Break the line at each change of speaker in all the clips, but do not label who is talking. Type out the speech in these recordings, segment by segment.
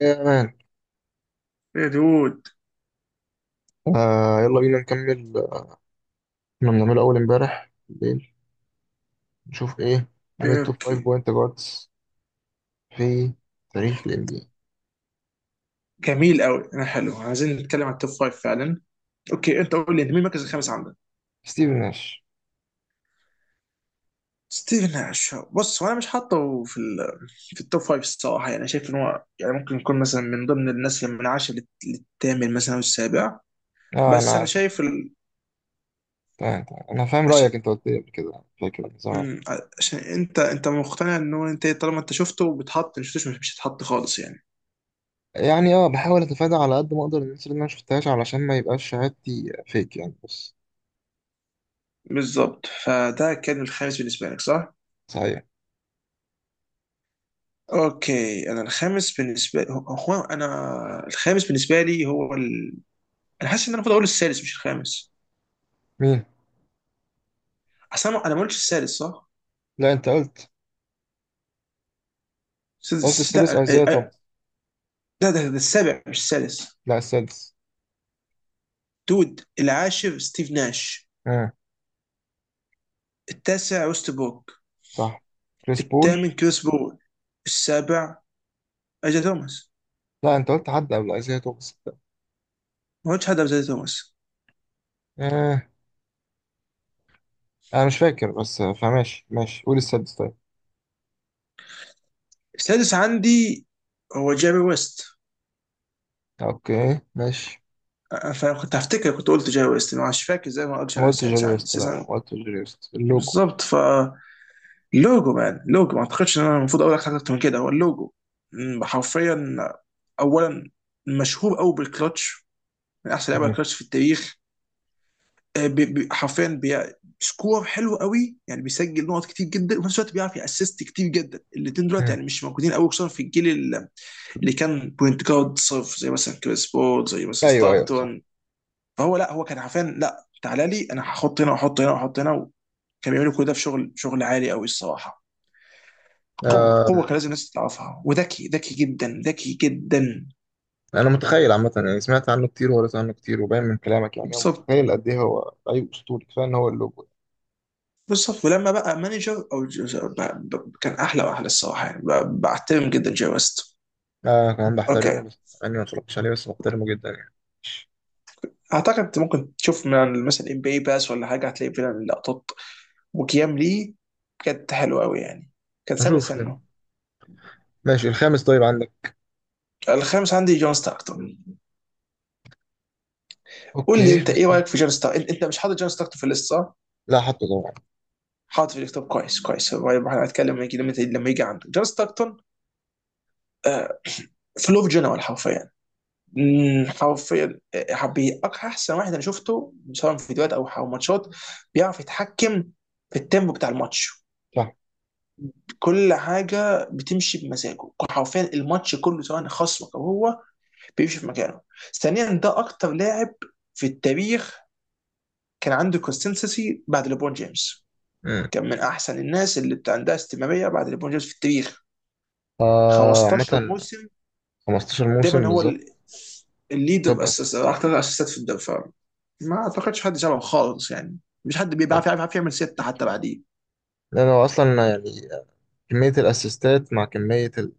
يا مان.
يا دود.
يلا بينا نكمل، آه، كنا بنعمله أول امبارح بالليل نشوف إيه من
إيه،
التوب 5
اوكي.
بوينت جاردز في تاريخ ال NBA.
جميل قوي، انا حلو عايزين نتكلم عن التوب فايف فعلا. اوكي انت قول لي، انت مين المركز الخامس عندك؟
ستيفن ناش.
ستيفن ناش، بص هو انا مش حاطه في ال... في التوب فايف الصراحه، يعني شايف ان هو يعني ممكن يكون مثلا من ضمن الناس اللي من عشر للثامن مثلا او السابع.
آه أنا
بس انا
عارف.
شايف ال...
تمام أنا فاهم
عشان
رأيك، أنت قلت لي قبل كده، فاكر من زمان.
مم، عشان انت مقتنع ان هو، انت طالما انت شفته بتحط، مش شفتوش مش هتحط خالص يعني.
يعني آه بحاول أتفادى على قد ما أقدر الناس اللي أنا مشفتهاش علشان ما يبقاش شهادتي فيك يعني. بص،
بالظبط، فده كان الخامس بالنسبه لك صح؟
صحيح.
اوكي، انا الخامس بالنسبه لي هو، هو انا الخامس بالنسبه لي هو ال... انا حاسس ان انا المفروض اقول السادس مش الخامس.
مين؟
اصل انا، ما قلتش السادس صح؟
لا أنت قلت. قلت السادس
لا
أيزايا
آه،
توماس.
ده السابع مش السادس.
لا السادس.
دود، العاشر ستيف ناش،
آه.
التاسع وست بوك،
صح. كريس بول.
الثامن كريس بول، السابع اجا توماس.
لا أنت قلت حد قبل أيزايا توماس.
ما قلتش حد قبل اجا توماس.
آه انا مش فاكر بس فماشي ماشي، قول السادس طيب.
السادس عندي هو جيري ويست.
اوكي ماشي.
فكنت هفتكر كنت قلت جيري ويست، ما عادش فاكر زي ما قلتش.
ما
انا
قلتش جيري
السادس عندي،
ويست، لا
السادس
لا ما
عندي
قلتش جيري ويست اللوجو.
بالظبط ف... لوجو مان، لوجو، ما اعتقدش ان انا المفروض اقول لك حاجه اكتر من كده، هو اللوجو. حرفيا. اولا، مشهور قوي بالكلتش، من احسن لعيبه
مم.
الكلتش في التاريخ. حرفيا سكور حلو قوي، يعني بيسجل نقط كتير جدا، وفي نفس الوقت بيعرف يأسست كتير جدا. الاثنين دلوقتي
مم.
يعني مش موجودين قوي، خصوصا في الجيل اللي كان بوينت جارد صرف زي مثلا كريس بول، زي مثلا
ايوه ايوه صح.
ستاكتون. فهو لا، هو كان حرفيا لا، تعالى لي انا هحط هنا واحط هنا واحط هنا، وكان بيعملوا كل ده في شغل عالي قوي الصراحه. قوة
آه
كان لازم الناس تعرفها، وذكي جدا، ذكي جدا.
انا متخيل عامه، يعني سمعت عنه كتير وقريت عنه كتير، وباين من كلامك يعني هو
بالظبط
متخيل قد ايه هو. اي اسطوري كفايه ان هو اللوجو.
بالظبط. ولما بقى مانجر او كان احلى واحلى الصراحة يعني، بعتبر جدا جاي ويست.
آه كمان بحترمه،
اوكي.
بس انا ما اتفرجتش عليه، بس بحترمه جدا يعني. ماشي.
اعتقد انت ممكن تشوف من مثلا ام بي باس ولا حاجة، هتلاقي فعلا لقطات وكيام ليه كانت حلوة قوي يعني، كان سابق
هشوف كده.
سنه.
ماشي الخامس طيب عندك.
الخامس عندي جون ستاكتون. قول لي
اوكي
انت
بس
ايه
ده.
رايك في جون ستاكتون؟ انت مش حاطط جون ستاكتون في الليست صح؟
لا حطه طبعا.
حاطط في الكتاب، كويس كويس. هو يبقى احنا هنتكلم لما يجي، لما يجي عنده جون ستاكتون. فلوف جنرال حرفيا. حرفيا. احسن واحد انا شفته، سواء في فيديوهات او ماتشات. بيعرف يتحكم في التيمبو بتاع الماتش،
صح.
كل حاجه بتمشي بمزاجه حرفيا، الماتش كله سواء خصمك او هو بيمشي في مكانه. ثانيا، ده اكتر لاعب في التاريخ كان عنده كونسستنسي بعد ليبرون جيمس،
مم.
كان من احسن الناس اللي عندها استمراريه بعد ليبرون جيمس في التاريخ.
آه
15
عامة.
موسم
15
دايما
موسم
هو
بالظبط. توب
الليدر، اسس
اسيستر.
اكتر اسيستات في الدفاع. ما اعتقدش حد شبهه خالص يعني، مش حد بيعرف يعرف يعمل ستة حتى بعديه.
لأنه أصلا يعني كمية الأسيستات مع كمية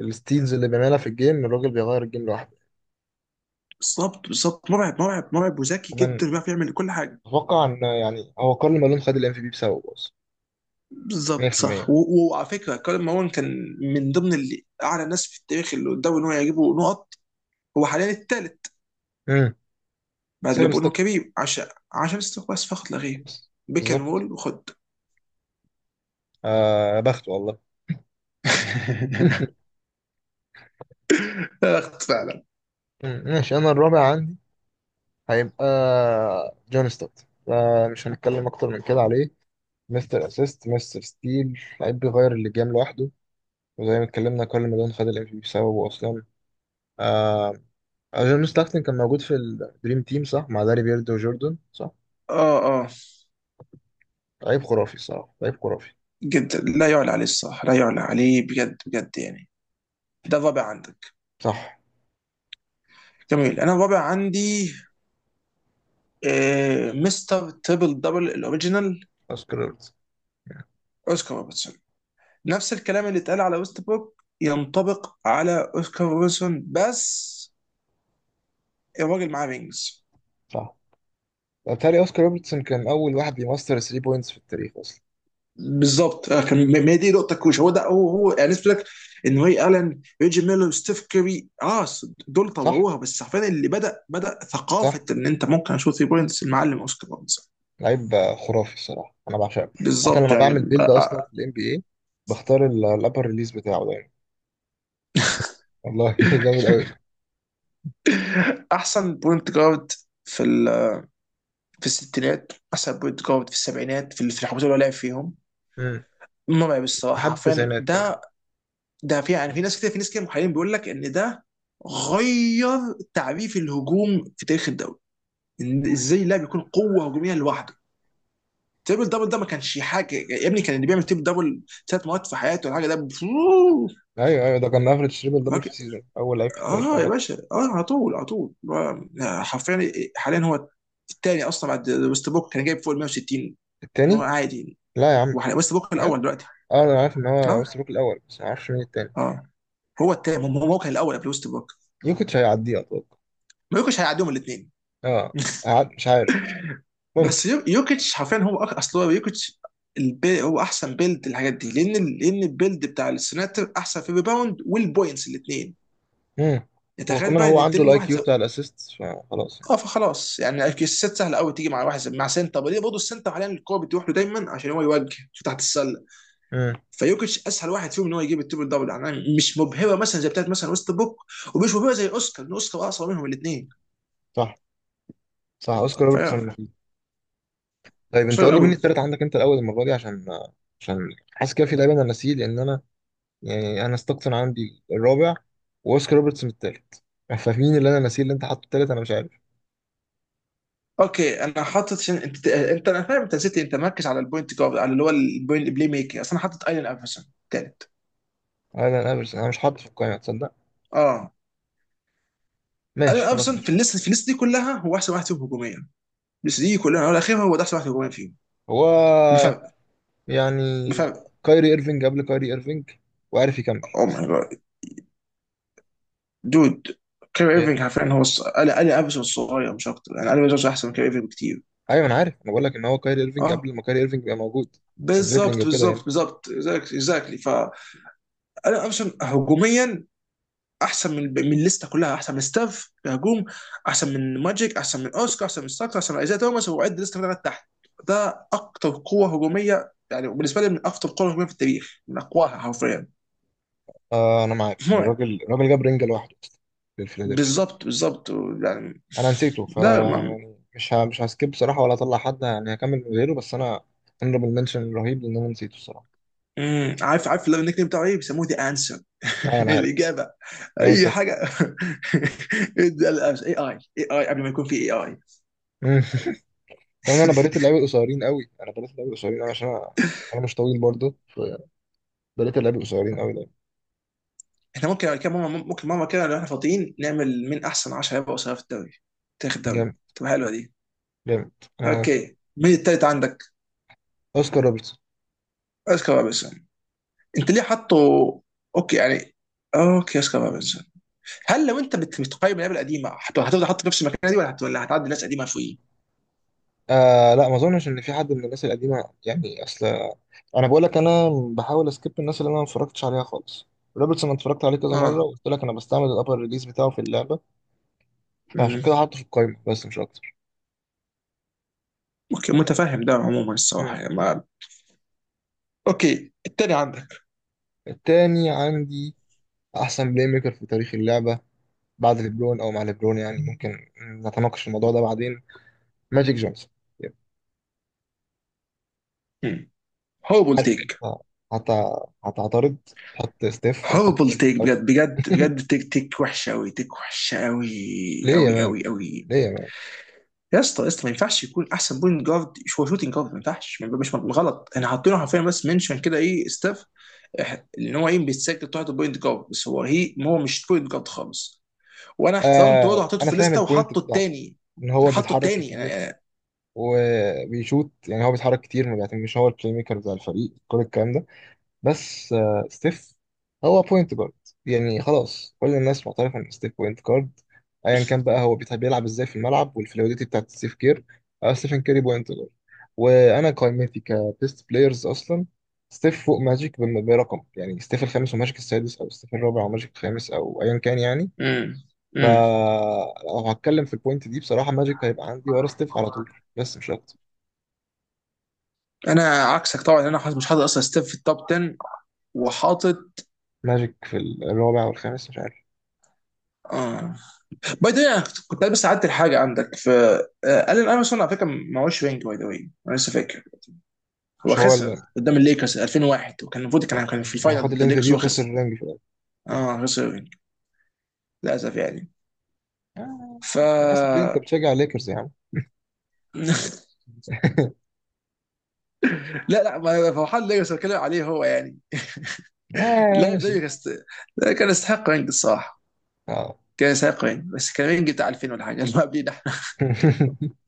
الستيلز اللي بيعملها في الجيم، الراجل بيغير الجيم لوحده.
بالظبط بالظبط، مرعب مرعب مرعب، وذكي
كمان
جدا بيعرف يعمل كل حاجه.
أتوقع إن يعني هو كارل مالون خد ال MVP بسببه أصلا.
بالظبط صح،
100%.
وعلى فكره، كارل ماون كان من ضمن اللي اعلى ناس في التاريخ اللي قدامه ان هو يجيبوا نقط. هو حاليا الثالث
امم.
بعد
بسبب
ليبرون
ستوك.
وكريم، عشان عشان استحواذ بس فقط لا غير،
بس.
بيك اند
بالظبط.
رول وخد.
آه بخت والله.
اخت فعلا.
مم، ماشي. أنا الرابع عندي. هيبقى جون ستوكت، فمش هنتكلم أكتر من كده عليه. مستر أسيست، مستر ستيل، لعيب بيغير اللي جام لوحده. وزي ما اتكلمنا كارل مالون خد ال MVP بسببه أصلا. آه، جون ستاكتن كان موجود في الدريم تيم صح، مع داري بيرد وجوردن صح.
اه اه.
لعيب خرافي الصراحة، لعيب خرافي.
جدا لا يعلى عليه الصراحة، لا يعلى عليه بجد بجد يعني. ده الرابع عندك.
صح.
جميل، انا الرابع عندي آه، مستر تريبل دبل الاوريجينال،
اوسكار روبرتسون.
اوسكار روبرتسون. نفس الكلام اللي اتقال على ويست بروك ينطبق على اوسكار روبرتسون، بس الراجل معاه رينجز.
صح، وبالتالي اوسكار روبرتسون كان اول واحد بيمستر 3 بوينتس في التاريخ اصلا.
بالظبط، كان، ما هي دي نقطة كوش، هو ده هو هو يعني، نسبة لك ان واي الن، ريجي ميلر، ستيف كيري، اه دول
صح.
طوروها، بس حرفيا اللي بدأ بدأ ثقافة
صح.
ان انت ممكن اشوف 3 بوينتس، المعلم اوسكار روبرتسون.
لعيب آه، خرافي الصراحة، انا بعشقه. حتى
بالظبط
لما بعمل
يعني.
بيلد اصلا في الام بي اي بختار الابر ريليز بتاعه دايما. والله جامد قوي.
احسن بوينت جارد في في الستينات، احسن بوينت جارد في السبعينات، في في الحقبه اللي هو لعب فيهم.
امم.
مرعب الصراحه
لحد
حرفيا.
التسعينات كمان.
ده ده في يعني، في ناس كده، في ناس كده محللين بيقول لك ان ده غير تعريف الهجوم في تاريخ الدوري، إن ازاي اللاعب يكون قوه هجوميه لوحده. تريبل دبل ده ما كانش حاجه يا ابني، كان اللي بيعمل تريبل دبل ثلاث مرات في حياته ولا حاجه ده.
ايوه ايوه ده كان افريج تريبل دبل في سيزون، اول لعيب في التاريخ
اه يا
يعمل.
باشا اه، على طول على طول. حرفيا حاليا هو الثاني اصلا بعد ويست بوك، كان جايب فوق ال 160 إن هو
التاني.
عادي.
لا يا عم.
ويست بوك
بجد.
الاول دلوقتي.
اه انا عارف ان هو
اه
ويست بروك الاول، بس ما اعرفش مين التاني.
اه، هو الثاني، هو هو كان الاول قبل ويست بوك.
يوكيتش هيعديه اتوقع.
ما يوكيتش هيعديهم الاثنين.
اه. مش عارف. ممكن.
بس يوكيتش حرفيا هو اصل هو يوكيتش البي، هو احسن بيلد الحاجات دي، لان لان البيلد بتاع السناتر احسن في الريباوند والبوينتس الاثنين.
مم. هو
تخيل
كمان
بقى
هو
ان
عنده
التنين
الاي
الواحد.
كيو بتاع الاسيست، فخلاص يعني.
اه فخلاص يعني، السيت سهله قوي تيجي مع واحد مع سنتر ليه، برضه السنتر حاليا الكوره بتروح له دايما عشان هو يوجه شو تحت السله.
مم.
فيوكيتش اسهل واحد فيهم ان هو يجيب التريبل دبل يعني، مش مبهره مثلا زي بتاعت مثلا ويست بوك، ومش مبهره زي اوسكار لان اوسكار اقصر منهم الاثنين.
صح. صح، اوسكار روبرتسون
فيا.
مفيد. طيب انت
صعب
قول لي مين
قوي.
التالت عندك، انت الاول المره دي، عشان عشان حاسس كده في لعيبه انا ناسيه، لان انا ستوكتون عندي الرابع، واوسكار روبرتسون التالت، فمين اللي انا ناسيه اللي انت حاطه التالت؟ انا مش عارف.
اوكي انا حاطط، عشان انت انا فاهم انت نسيت، انت مركز على البوينت جارد على اللي هو البوينت بلاي ميكر، اصل انا حاطط ايلان افرسون ثالث.
انا انا مش أنا مش حاطه في القائمه، تصدق.
اه. ايلان
ماشي خلاص
افرسون في
ماشي.
الليست، في الليست دي كلها هو احسن واحد فيهم هجوميا، الليست دي كلها هو الاخير، هو ده احسن واحد هجوميا فيهم
هو
بفرق
يعني
بفرق.
كايري ايرفينج قبل كايري ايرفينج، وعارف يكمل.
او ماي جاد دود، كير
ايه.
ايرفينج حرفيا هو قال قال ابسط الصغير مش اكتر يعني، قال ابسط احسن من كير ايرفينج بكتير.
ايوه انا عارف، انا بقول لك ان هو كايري ايرفينج
اه
قبل ما كايري ايرفينج يبقى موجود. كدريبلينج
بالظبط
وكده
بالظبط
يعني.
بالظبط اكزاكتلي ف... انا ابسط هجوميا احسن من من الليسته كلها، احسن من ستاف كهجوم، احسن من ماجيك، احسن من اوسكار، احسن من ستاكس، احسن من ايزاي توماس، وعد الليسته كلها تحت. ده اكتر قوه هجوميه يعني بالنسبه لي، من اكتر قوه هجوميه في التاريخ، من اقواها حرفيا.
آه انا معاك يعني،
مرعب.
الراجل جاب رينجا لوحده للفيلادلفيا.
بالظبط بالظبط يعني.
انا نسيته ف
لا.
يعني مش هسكيب بصراحه ولا اطلع حد، يعني هكمل من غيره، بس انا هنربل منشن رهيب لان انا نسيته الصراحه.
امم، عارف عارف، اللي النيك نيم بتاعه ايه، بيسموه ذا انسر.
اه انا عارف.
الاجابه.
جامد
اي
فشخ.
حاجه. ده الاس اي اي اي اي قبل ما يكون في اي اي.
مم. كمان انا بريت اللعيبه القصيرين قوي انا بريت اللعيبه القصيرين قوي عشان انا انا مش طويل برضه، فبريت اللعيبه القصيرين قوي ده.
احنا ممكن كده ماما، ممكن ماما كده لو احنا فاضيين نعمل من احسن 10 لعيبه قصيره في الدوري، تاريخ الدوري،
جامد
تبقى حلوه دي.
جامد انا موافق.
اوكي، مين التالت عندك؟
اوسكار روبرتسون.
اسكار روبنسون. انت ليه حاطه؟ اوكي يعني، اوكي اسكار روبنسون. هل لو انت بتقيم اللعيبه القديمه هتفضل حاطه في نفس المكان دي، ولا ولا هتعدي ناس قديمه فوقيه؟
آه لا ما اظنش ان في حد من الناس القديمه يعني. اصل انا بقول لك انا بحاول اسكيب الناس اللي انا ما اتفرجتش عليها خالص. روبرتسون أنا اتفرجت عليه كذا مره، وقلت لك انا بستعمل الابر ريليز بتاعه في اللعبه، فعشان
اه.
كده حاطه في القايمه بس مش اكتر.
اوكي، متفهم ده عموما
مم.
الصراحه يعني ما... اوكي، التاني عندك.
التاني عندي احسن بلاي ميكر في تاريخ اللعبه بعد ليبرون او مع ليبرون، يعني ممكن نتناقش في الموضوع ده بعدين. ماجيك جونسون. يب.
هوربل
عارف
تيك.
انت هت- هتعترض تحط ستيف وهتحط
هوربل
ماجيك
تيك
الاول.
بجد بجد بجد، تيك تيك وحشه قوي، تيك وحشه قوي
ليه يا
قوي
مان؟
قوي قوي.
ليه يا مان؟
يا اسطى يا اسطى، ما ينفعش يكون احسن بوينت جارد، هو شوتنج جارد، ما ينفعش مش غلط احنا حاطينه حرفيا، بس منشن كده ايه ستاف، ان هو ايه بيتسجل تحت بوينت جارد، بس هو هي هو مش بوينت جارد خالص. وانا احترمت برضه
آه
حطيته
انا
في
فاهم
ليسته
البوينت
وحطه
بتاعته،
التاني.
ان هو
حطه
بيتحرك
التاني.
كتير وبيشوت، يعني هو بيتحرك كتير، ما مش هو البلاي ميكر بتاع الفريق، كل الكلام ده. بس آه ستيف هو بوينت جارد، يعني خلاص كل الناس معترفه ان ستيف بوينت جارد. ايا كان بقى هو بيتحب يلعب ازاي في الملعب، والفلويدتي بتاعت ستيف كير. آه ستيفن كيري بوينت جارد، وانا قائمتي كبيست بلايرز اصلا ستيف فوق ماجيك برقم. يعني ستيف الخامس وماجيك السادس، او ستيف الرابع وماجيك الخامس، او ايا كان يعني.
امم.
فلو هتكلم في البوينت دي بصراحة، ماجيك هيبقى عندي ورا ستيف على طول، بس مش أكتر.
انا عكسك طبعا، انا حاطط، مش حاطط اصلا ستيف في التوب 10، وحاطط
ماجيك في الرابع والخامس مش عارف.
اه. باي ذا، انا كنت بس عدت الحاجه عندك في آه، الين ايفرسون على فكره ما هوش رينج، باي ذا واي انا لسه فاكر. هو
مش هو اللي…
خسر قدام الليكرز 2001، وكان المفروض
آه.
كان كان في
يعني هاخد
الفاينل ضد
الام في
الليكرز،
بي
هو
وخسر
خسر.
الرينج في الأول.
اه خسر رينج للاسف يعني
آه.
ف...
آسف ليه أنت بتشجع ليكرز يا عم؟
لا لا، ما فرحان الليكرز، بتكلم عليه هو يعني،
آه
لاعب
ماشي.
زي كاست... كان يستحق رينج الصراحه،
آه.
كان يستحق رينج، بس كان رينج بتاع 2000 ولا حاجه اللي قبليه.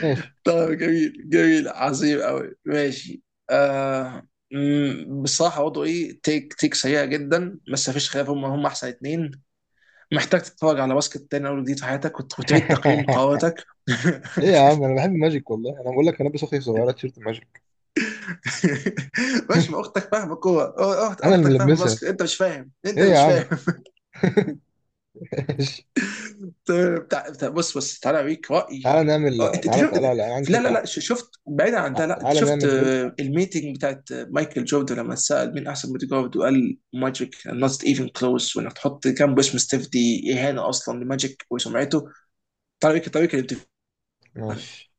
ماشي.
طيب جميل جميل، عظيم قوي ماشي، آه، بصراحة وضعه ايه، تيك تيك سيئة جدا، بس مفيش خلاف هم هم احسن اتنين. محتاج تتفرج على باسكت تاني اول جديد في حياتك، وتعيد تقييم قواتك.
ليه يا عم؟ أنا بحب ماجيك والله، أنا بقول لك أنا لابس أختي صغيرة تيشيرت ماجيك.
ماشي، ما اختك فاهمة كورة أه،
أنا اللي
اختك فاهمة
ملبسها.
باسكت، انت مش فاهم، انت
إيه
اللي
يا
مش
عم.
فاهم.
ماشي.
بص بص، تعالى اوريك رايي.
تعالى
اه
نعمل،
انت انت
تعالى
شفت،
تعالى لا، أنا عندي
لا لا
فكرة
لا،
أحسن.
شفت بعيدا عن
آه،
ده، لا انت
تعالى
شفت
نعمل بيلد.
آه، الميتنج بتاعت آه، مايكل جوردن لما اتسال مين احسن بودي جارد، وقال ماجيك نوت ايفن كلوز، وانك تحط جنبه اسم ستيف دي اهانه اصلا لماجيك وسمعته. تعالى اوريك، تعالى اوريك الانترفيو.
ماشي